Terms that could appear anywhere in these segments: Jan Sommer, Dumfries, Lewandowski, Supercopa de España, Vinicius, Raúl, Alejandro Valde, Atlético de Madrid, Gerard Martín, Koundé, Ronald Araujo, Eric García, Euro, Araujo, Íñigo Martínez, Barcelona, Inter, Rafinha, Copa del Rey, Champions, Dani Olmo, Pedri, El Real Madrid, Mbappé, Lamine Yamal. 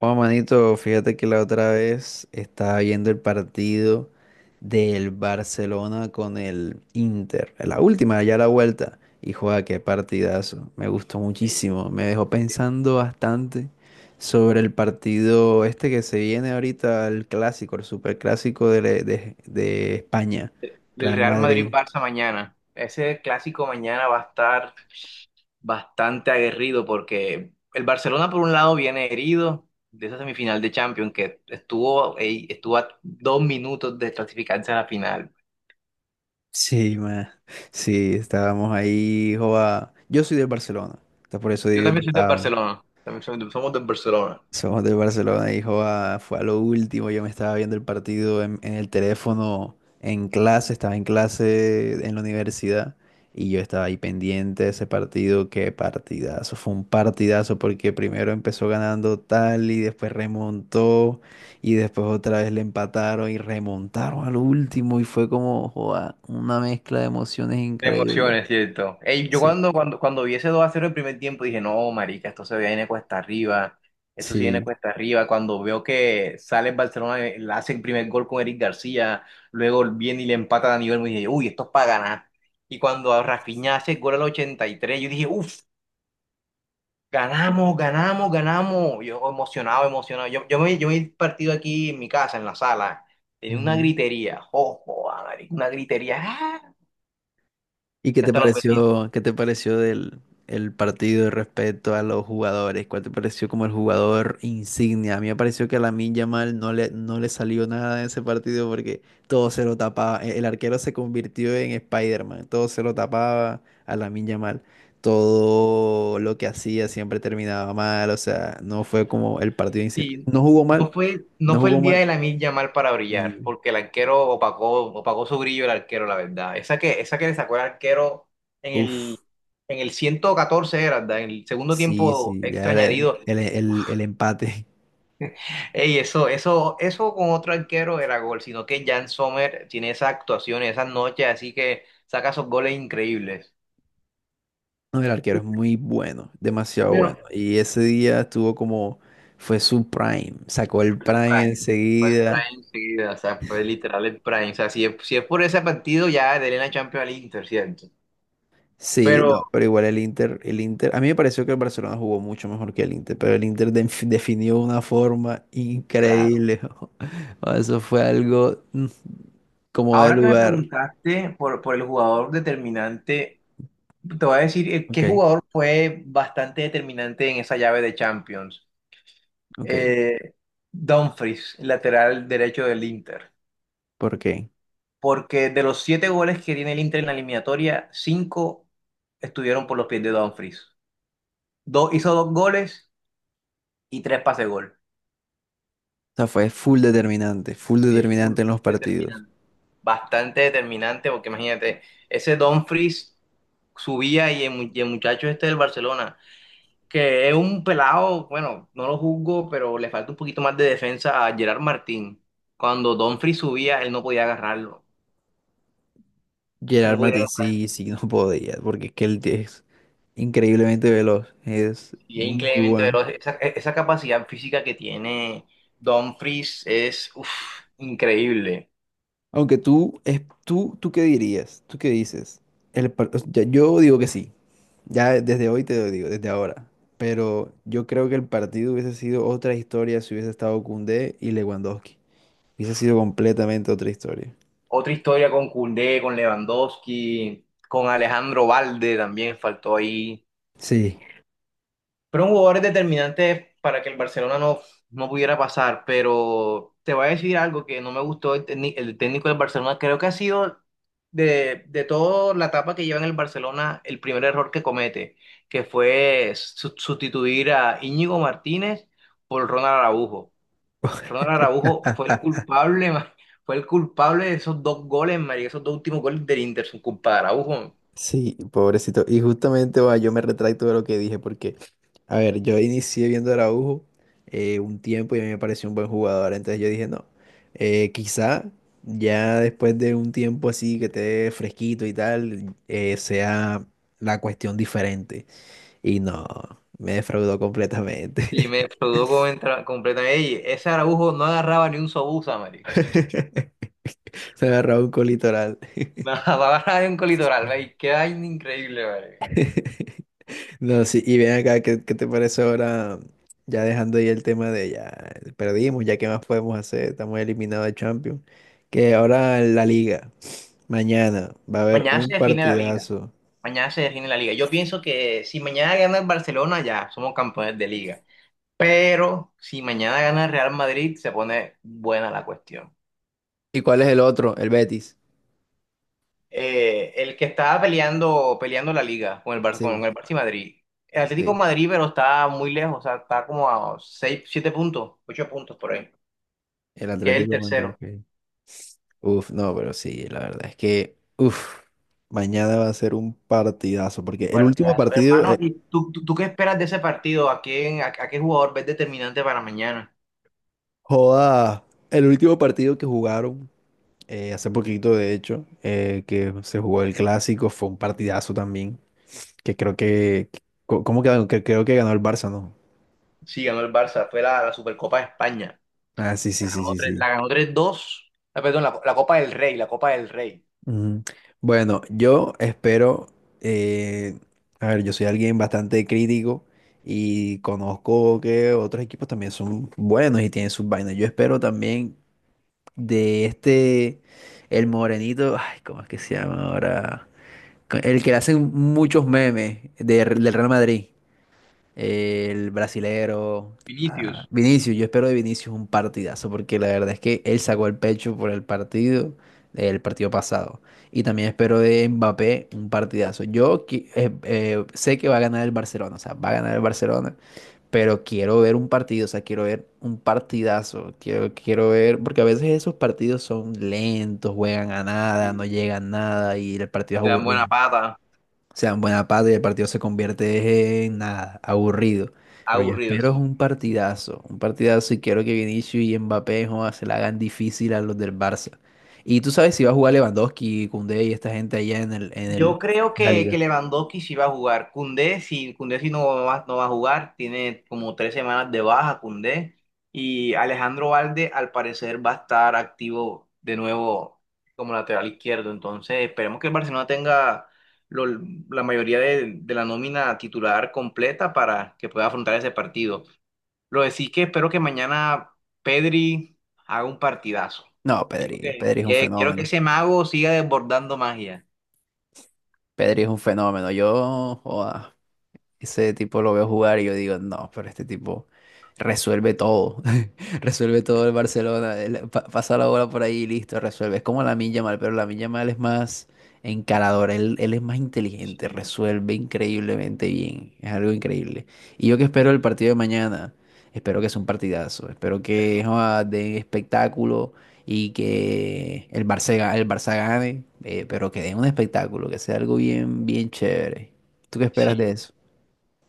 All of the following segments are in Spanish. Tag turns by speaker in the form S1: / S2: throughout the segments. S1: Oh, manito, fíjate que la otra vez estaba viendo el partido del Barcelona con el Inter, la última, ya la vuelta, y juega, qué partidazo, me gustó
S2: Ey,
S1: muchísimo, me dejó pensando bastante sobre el partido este que se viene ahorita, el clásico, el superclásico de España,
S2: el
S1: Real
S2: Real
S1: Madrid. Madrid.
S2: Madrid-Barça mañana. Ese clásico mañana va a estar bastante aguerrido porque el Barcelona por un lado viene herido de esa semifinal de Champions que estuvo a 2 minutos de clasificarse a la final.
S1: Sí, man, sí, estábamos ahí, joa, yo soy del Barcelona, entonces por eso
S2: Yo
S1: digo,
S2: también soy del
S1: estábamos.
S2: Barcelona, también somos del Barcelona.
S1: Somos del Barcelona, hijo, ah, fue a lo último. Yo me estaba viendo el partido en el teléfono, en clase, estaba en clase en la universidad y yo estaba ahí pendiente de ese partido. Qué partidazo, fue un partidazo porque primero empezó ganando tal y después remontó y después otra vez le empataron y remontaron al último y fue como, joa, una mezcla de emociones
S2: De
S1: increíble.
S2: emociones, cierto. Ey, yo
S1: Sí,
S2: cuando vi ese 2-0 el primer tiempo dije, no, marica, esto se viene cuesta arriba, esto se viene
S1: sí.
S2: cuesta arriba. Cuando veo que sale el Barcelona, le hace el primer gol con Eric García, luego viene y le empata a Dani Olmo, y dije, uy, esto es para ganar. Y cuando a Rafinha hace el gol al 83 yo dije, uff, ganamos, ganamos, ganamos. Yo emocionado, emocionado. Yo me he partido aquí en mi casa, en la sala, tenía una
S1: Ujú.
S2: gritería, ojo, marica, una gritería, ¡ah!
S1: ¿Y
S2: Hasta los vecinos.
S1: qué te pareció del el partido respecto a los jugadores? ¿Cuál te pareció como el jugador insignia? A mí me pareció que a Lamine Yamal no le salió nada de ese partido porque todo se lo tapaba. El arquero se convirtió en Spider-Man, todo se lo tapaba a Lamine Yamal. Todo lo que hacía siempre terminaba mal, o sea, no fue como el partido insignia.
S2: Sí,
S1: No jugó mal,
S2: no fue, no
S1: no
S2: fue
S1: jugó
S2: el día de
S1: mal
S2: la milla mal para brillar,
S1: y
S2: porque el arquero opacó su brillo el arquero, la verdad. Esa que le sacó el arquero en
S1: uff,
S2: el, en el 114 era, ¿verdad? En el segundo
S1: sí,
S2: tiempo
S1: sí, ya
S2: extra
S1: era el,
S2: añadido.
S1: el empate.
S2: Ey, eso con otro arquero era gol, sino que Jan Sommer tiene esas actuaciones, esas noches, así que saca esos goles increíbles.
S1: No, el arquero es muy bueno, demasiado
S2: Bueno,
S1: bueno. Y ese día estuvo como, fue su prime, sacó el
S2: fue su
S1: prime
S2: prime. Fue en prime
S1: enseguida.
S2: enseguida, o sea, fue literal el prime. O sea, si es por ese partido, ya de la Champions al Inter, ¿cierto?
S1: Sí,
S2: Pero
S1: no, pero igual el Inter, a mí me pareció que el Barcelona jugó mucho mejor que el Inter, pero el Inter definió una forma
S2: claro.
S1: increíble. O eso fue algo como de
S2: Ahora que me
S1: lugar.
S2: preguntaste por el jugador determinante, te voy a decir
S1: Ok,
S2: qué jugador fue bastante determinante en esa llave de Champions.
S1: ok,
S2: Eh, Dumfries, lateral derecho del Inter.
S1: ¿por qué?
S2: Porque de los 7 goles que tiene el Inter en la eliminatoria, 5 estuvieron por los pies de Dumfries. Hizo 2 goles y 3 pases gol.
S1: O sea, fue full
S2: Sí, full,
S1: determinante en los partidos.
S2: determinante. Bastante determinante, porque imagínate, ese Dumfries subía y el muchacho este del Barcelona, que es un pelado, bueno, no lo juzgo, pero le falta un poquito más de defensa a Gerard Martín. Cuando Dumfries subía, él no podía agarrarlo. No
S1: Gerard
S2: podía
S1: Martín,
S2: agarrarlo.
S1: sí, sí, no podía, porque es que él es increíblemente veloz, es
S2: Y es
S1: muy
S2: increíblemente
S1: bueno.
S2: veloz. Esa capacidad física que tiene Dumfries es uf, increíble.
S1: Aunque tú, ¿tú qué dirías? ¿Tú qué dices? O sea, yo digo que sí, ya desde hoy te lo digo, desde ahora. Pero yo creo que el partido hubiese sido otra historia si hubiese estado Koundé y Lewandowski. Hubiese sido completamente otra historia.
S2: Otra historia con Koundé, con Lewandowski, con Alejandro Valde también faltó ahí.
S1: Sí.
S2: Fueron jugadores determinantes para que el Barcelona no, no pudiera pasar, pero te voy a decir algo que no me gustó el técnico del Barcelona. Creo que ha sido de toda la etapa que lleva en el Barcelona el primer error que comete, que fue sustituir a Íñigo Martínez por Ronald Araujo. Ronald Araujo fue el culpable, fue el culpable de esos dos goles, marica, esos dos últimos goles del Inter, son culpa de Araujo.
S1: Sí, pobrecito. Y justamente va, yo me retracto de lo que dije porque, a ver, yo inicié viendo a Araujo un tiempo y a mí me pareció un buen jugador. Entonces yo dije, no, quizá ya después de un tiempo así que esté fresquito y tal, sea la cuestión diferente. Y no, me defraudó
S2: Y
S1: completamente.
S2: me explotó completamente. Ey, ese Araujo no agarraba ni un sobusa, marica.
S1: Se me agarró un colitoral.
S2: No agarraba ni un colitoral, marica. Qué vaina increíble, marica.
S1: No, sí, y ven acá, ¿qué te parece ahora? Ya dejando ahí el tema de ya perdimos, ya qué más podemos hacer, estamos eliminados de Champions. Que ahora la Liga, mañana va a haber
S2: Mañana
S1: un
S2: se define la liga.
S1: partidazo.
S2: Mañana se define la liga. Yo pienso que si mañana gana el Barcelona, ya somos campeones de liga. Pero si mañana gana el Real Madrid, se pone buena la cuestión.
S1: ¿Y cuál es el otro? El Betis.
S2: Eh, el que estaba peleando, peleando la liga con el, Bar- con
S1: Sí,
S2: el Barça y Madrid. El Atlético de
S1: sí,
S2: Madrid, pero está muy lejos, o sea, está como a 6 7 puntos, 8 puntos por ahí,
S1: el
S2: que es el
S1: Atlético de Madrid.
S2: tercero.
S1: Ok. Uf, no, pero sí, la verdad es que, uf, mañana va a ser un partidazo, porque
S2: Un
S1: el último
S2: partidazo,
S1: partido,
S2: hermano. ¿Y tú qué esperas de ese partido? ¿A quién, a qué jugador ves determinante para mañana?
S1: joda, el último partido que jugaron. Hace poquito, de hecho, que se jugó el clásico, fue un partidazo también, que creo que, ¿cómo quedó? Que creo que ganó el Barça, ¿no?
S2: Sí, ganó el Barça, fue la Supercopa de España.
S1: Ah, sí, sí,
S2: La
S1: sí,
S2: ganó
S1: sí,
S2: tres- la
S1: sí.
S2: ganó 3-2. Ah, perdón, la Copa del Rey, la Copa del Rey.
S1: Ujú. Bueno, yo espero, eh, a ver, yo soy alguien bastante crítico y conozco que otros equipos también son buenos y tienen sus vainas. Yo espero también de este, el morenito, ay, ¿cómo es que se llama ahora? El que le hacen muchos memes del Real Madrid. El brasilero.
S2: Vinicius.
S1: Ah, Vinicius, yo espero de Vinicius un partidazo, porque la verdad es que él sacó el pecho por el partido pasado. Y también espero de Mbappé un partidazo. Yo sé que va a ganar el Barcelona, o sea, va a ganar el Barcelona, pero quiero ver un partido, o sea, quiero ver un partidazo, quiero, quiero ver, porque a veces esos partidos son lentos, juegan a nada, no
S2: Sí.
S1: llegan a nada y el partido es
S2: Le dan buena
S1: aburrido,
S2: pata,
S1: sean buena pata y el partido se convierte en nada, aburrido. Pero yo
S2: aburrido,
S1: espero es
S2: sí.
S1: un partidazo y quiero que Vinicius y Mbappé joda, se la hagan difícil a los del Barça. Y tú sabes si va a jugar Lewandowski, Koundé y esta gente allá en el, en el,
S2: Yo creo
S1: en la
S2: que
S1: liga.
S2: Lewandowski sí va a jugar. Koundé sí no va, a jugar. Tiene como 3 semanas de baja Koundé. Y Alejandro Valde al parecer va a estar activo de nuevo como lateral izquierdo. Entonces esperemos que el Barcelona tenga lo- la mayoría de la nómina titular completa para que pueda afrontar ese partido. Lo de sí que espero que mañana Pedri haga un partidazo.
S1: No,
S2: Quiero
S1: Pedri,
S2: que,
S1: Pedri es un
S2: que, quiero que
S1: fenómeno.
S2: ese mago siga desbordando magia.
S1: Pedri es un fenómeno. Yo, joda, ese tipo lo veo jugar y yo digo, no, pero este tipo resuelve todo. Resuelve todo el Barcelona. Él pasa la bola por ahí y listo, resuelve. Es como Lamine Yamal, pero Lamine Yamal es más encarador. Él es más inteligente,
S2: Sí,
S1: resuelve increíblemente bien. Es algo increíble. Y yo que espero el
S2: y
S1: partido de mañana. Espero que sea un partidazo. Espero que
S2: también,
S1: joda, den espectáculo y que el Barça, el Barça gane, pero que den un espectáculo, que sea algo bien, bien chévere. ¿Tú qué esperas
S2: sí,
S1: de eso?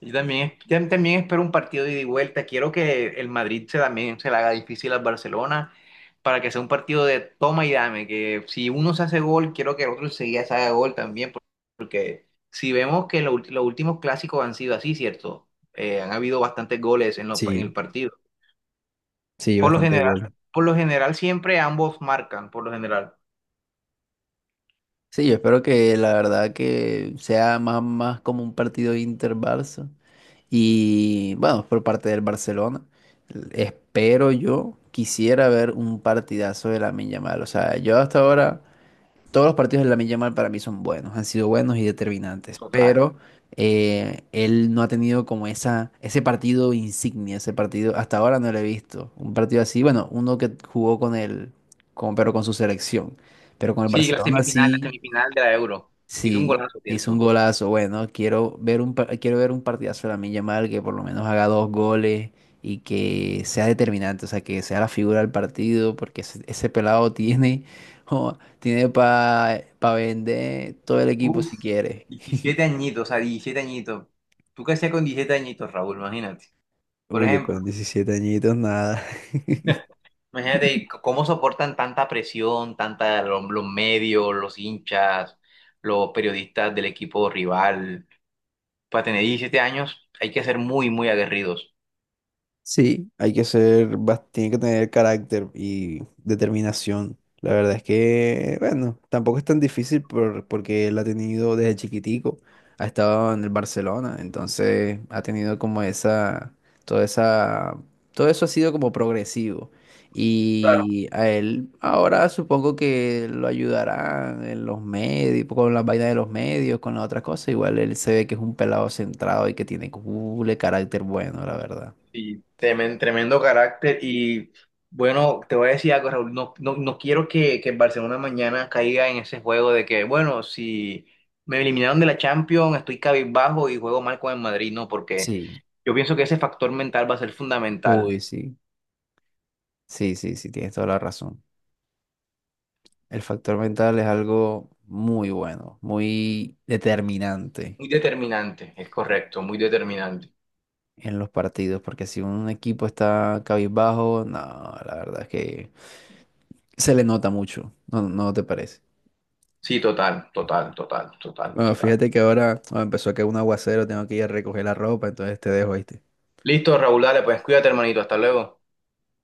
S2: y también, tam- también espero un partido de ida y vuelta. Quiero que el Madrid también se le haga difícil al Barcelona para que sea un partido de toma y dame. Que si uno se hace gol, quiero que el otro enseguida se haga gol también. Porque si vemos que los últimos clásicos han sido así, ¿cierto? Han habido bastantes goles en
S1: Sí,
S2: el partido.
S1: sí,
S2: Por lo
S1: bastante
S2: general,
S1: gol.
S2: por lo general siempre ambos marcan, por lo general.
S1: Sí, yo espero que la verdad que sea más como un partido Inter-Barça. Y bueno, por parte del Barcelona, espero yo, quisiera ver un partidazo de la Yamal. O sea, yo hasta
S2: Sí,
S1: ahora todos los partidos de Lamine Yamal para mí son buenos, han sido buenos y determinantes,
S2: total.
S1: pero él no ha tenido como esa, ese partido insignia, ese partido, hasta ahora no lo he visto. Un partido así, bueno, uno que jugó con él, pero con su selección, pero con el
S2: Sí, la
S1: Barcelona
S2: semifinal, la
S1: sí.
S2: semifinal de la Euro. Hizo un
S1: Sí,
S2: golazo,
S1: hizo un
S2: ¿cierto?
S1: golazo. Bueno, quiero ver un, quiero ver un partidazo de Lamine Yamal que por lo menos haga dos goles y que sea determinante, o sea, que sea la figura del partido, porque ese pelado tiene, jo, tiene para vender todo el equipo
S2: Uf.
S1: si quiere.
S2: 17 añitos, o sea, 17 añitos. ¿Tú qué hacías con 17 añitos, Raúl? Imagínate. Por
S1: Uy, yo
S2: ejemplo,
S1: con 17 añitos, nada.
S2: imagínate cómo soportan tanta presión, tanta, los, medios, los hinchas, los periodistas del equipo rival. Para tener 17 años hay que ser muy, muy aguerridos.
S1: Sí, hay que ser, tiene que tener carácter y determinación. La verdad es que, bueno, tampoco es tan difícil porque él ha tenido desde chiquitico, ha estado en el Barcelona, entonces ha tenido como esa, toda esa, todo eso ha sido como progresivo. Y a él ahora supongo que lo ayudarán en los medios, con las vainas de los medios, con las otras cosas. Igual él se ve que es un pelado centrado y que tiene un carácter bueno, la verdad.
S2: Sí, tremendo carácter y bueno, te voy a decir algo, Raúl, no, no, no quiero que el Barcelona mañana caiga en ese juego de que, bueno, si me eliminaron de la Champions, estoy cabizbajo y juego mal con el Madrid, no, porque
S1: Sí,
S2: yo pienso que ese factor mental va a ser fundamental,
S1: uy, sí, sí, sí, sí, tienes toda la razón. El factor mental es algo muy bueno, muy determinante
S2: muy determinante, es correcto, muy determinante.
S1: en los partidos, porque si un equipo está cabizbajo, no, la verdad es que se le nota mucho, ¿no, no te parece?
S2: Sí, total, total, total, total,
S1: Bueno,
S2: total.
S1: fíjate que ahora empezó a caer un aguacero, tengo que ir a recoger la ropa, entonces te dejo, ahí.
S2: Listo, Raúl, dale, pues cuídate, hermanito, hasta luego.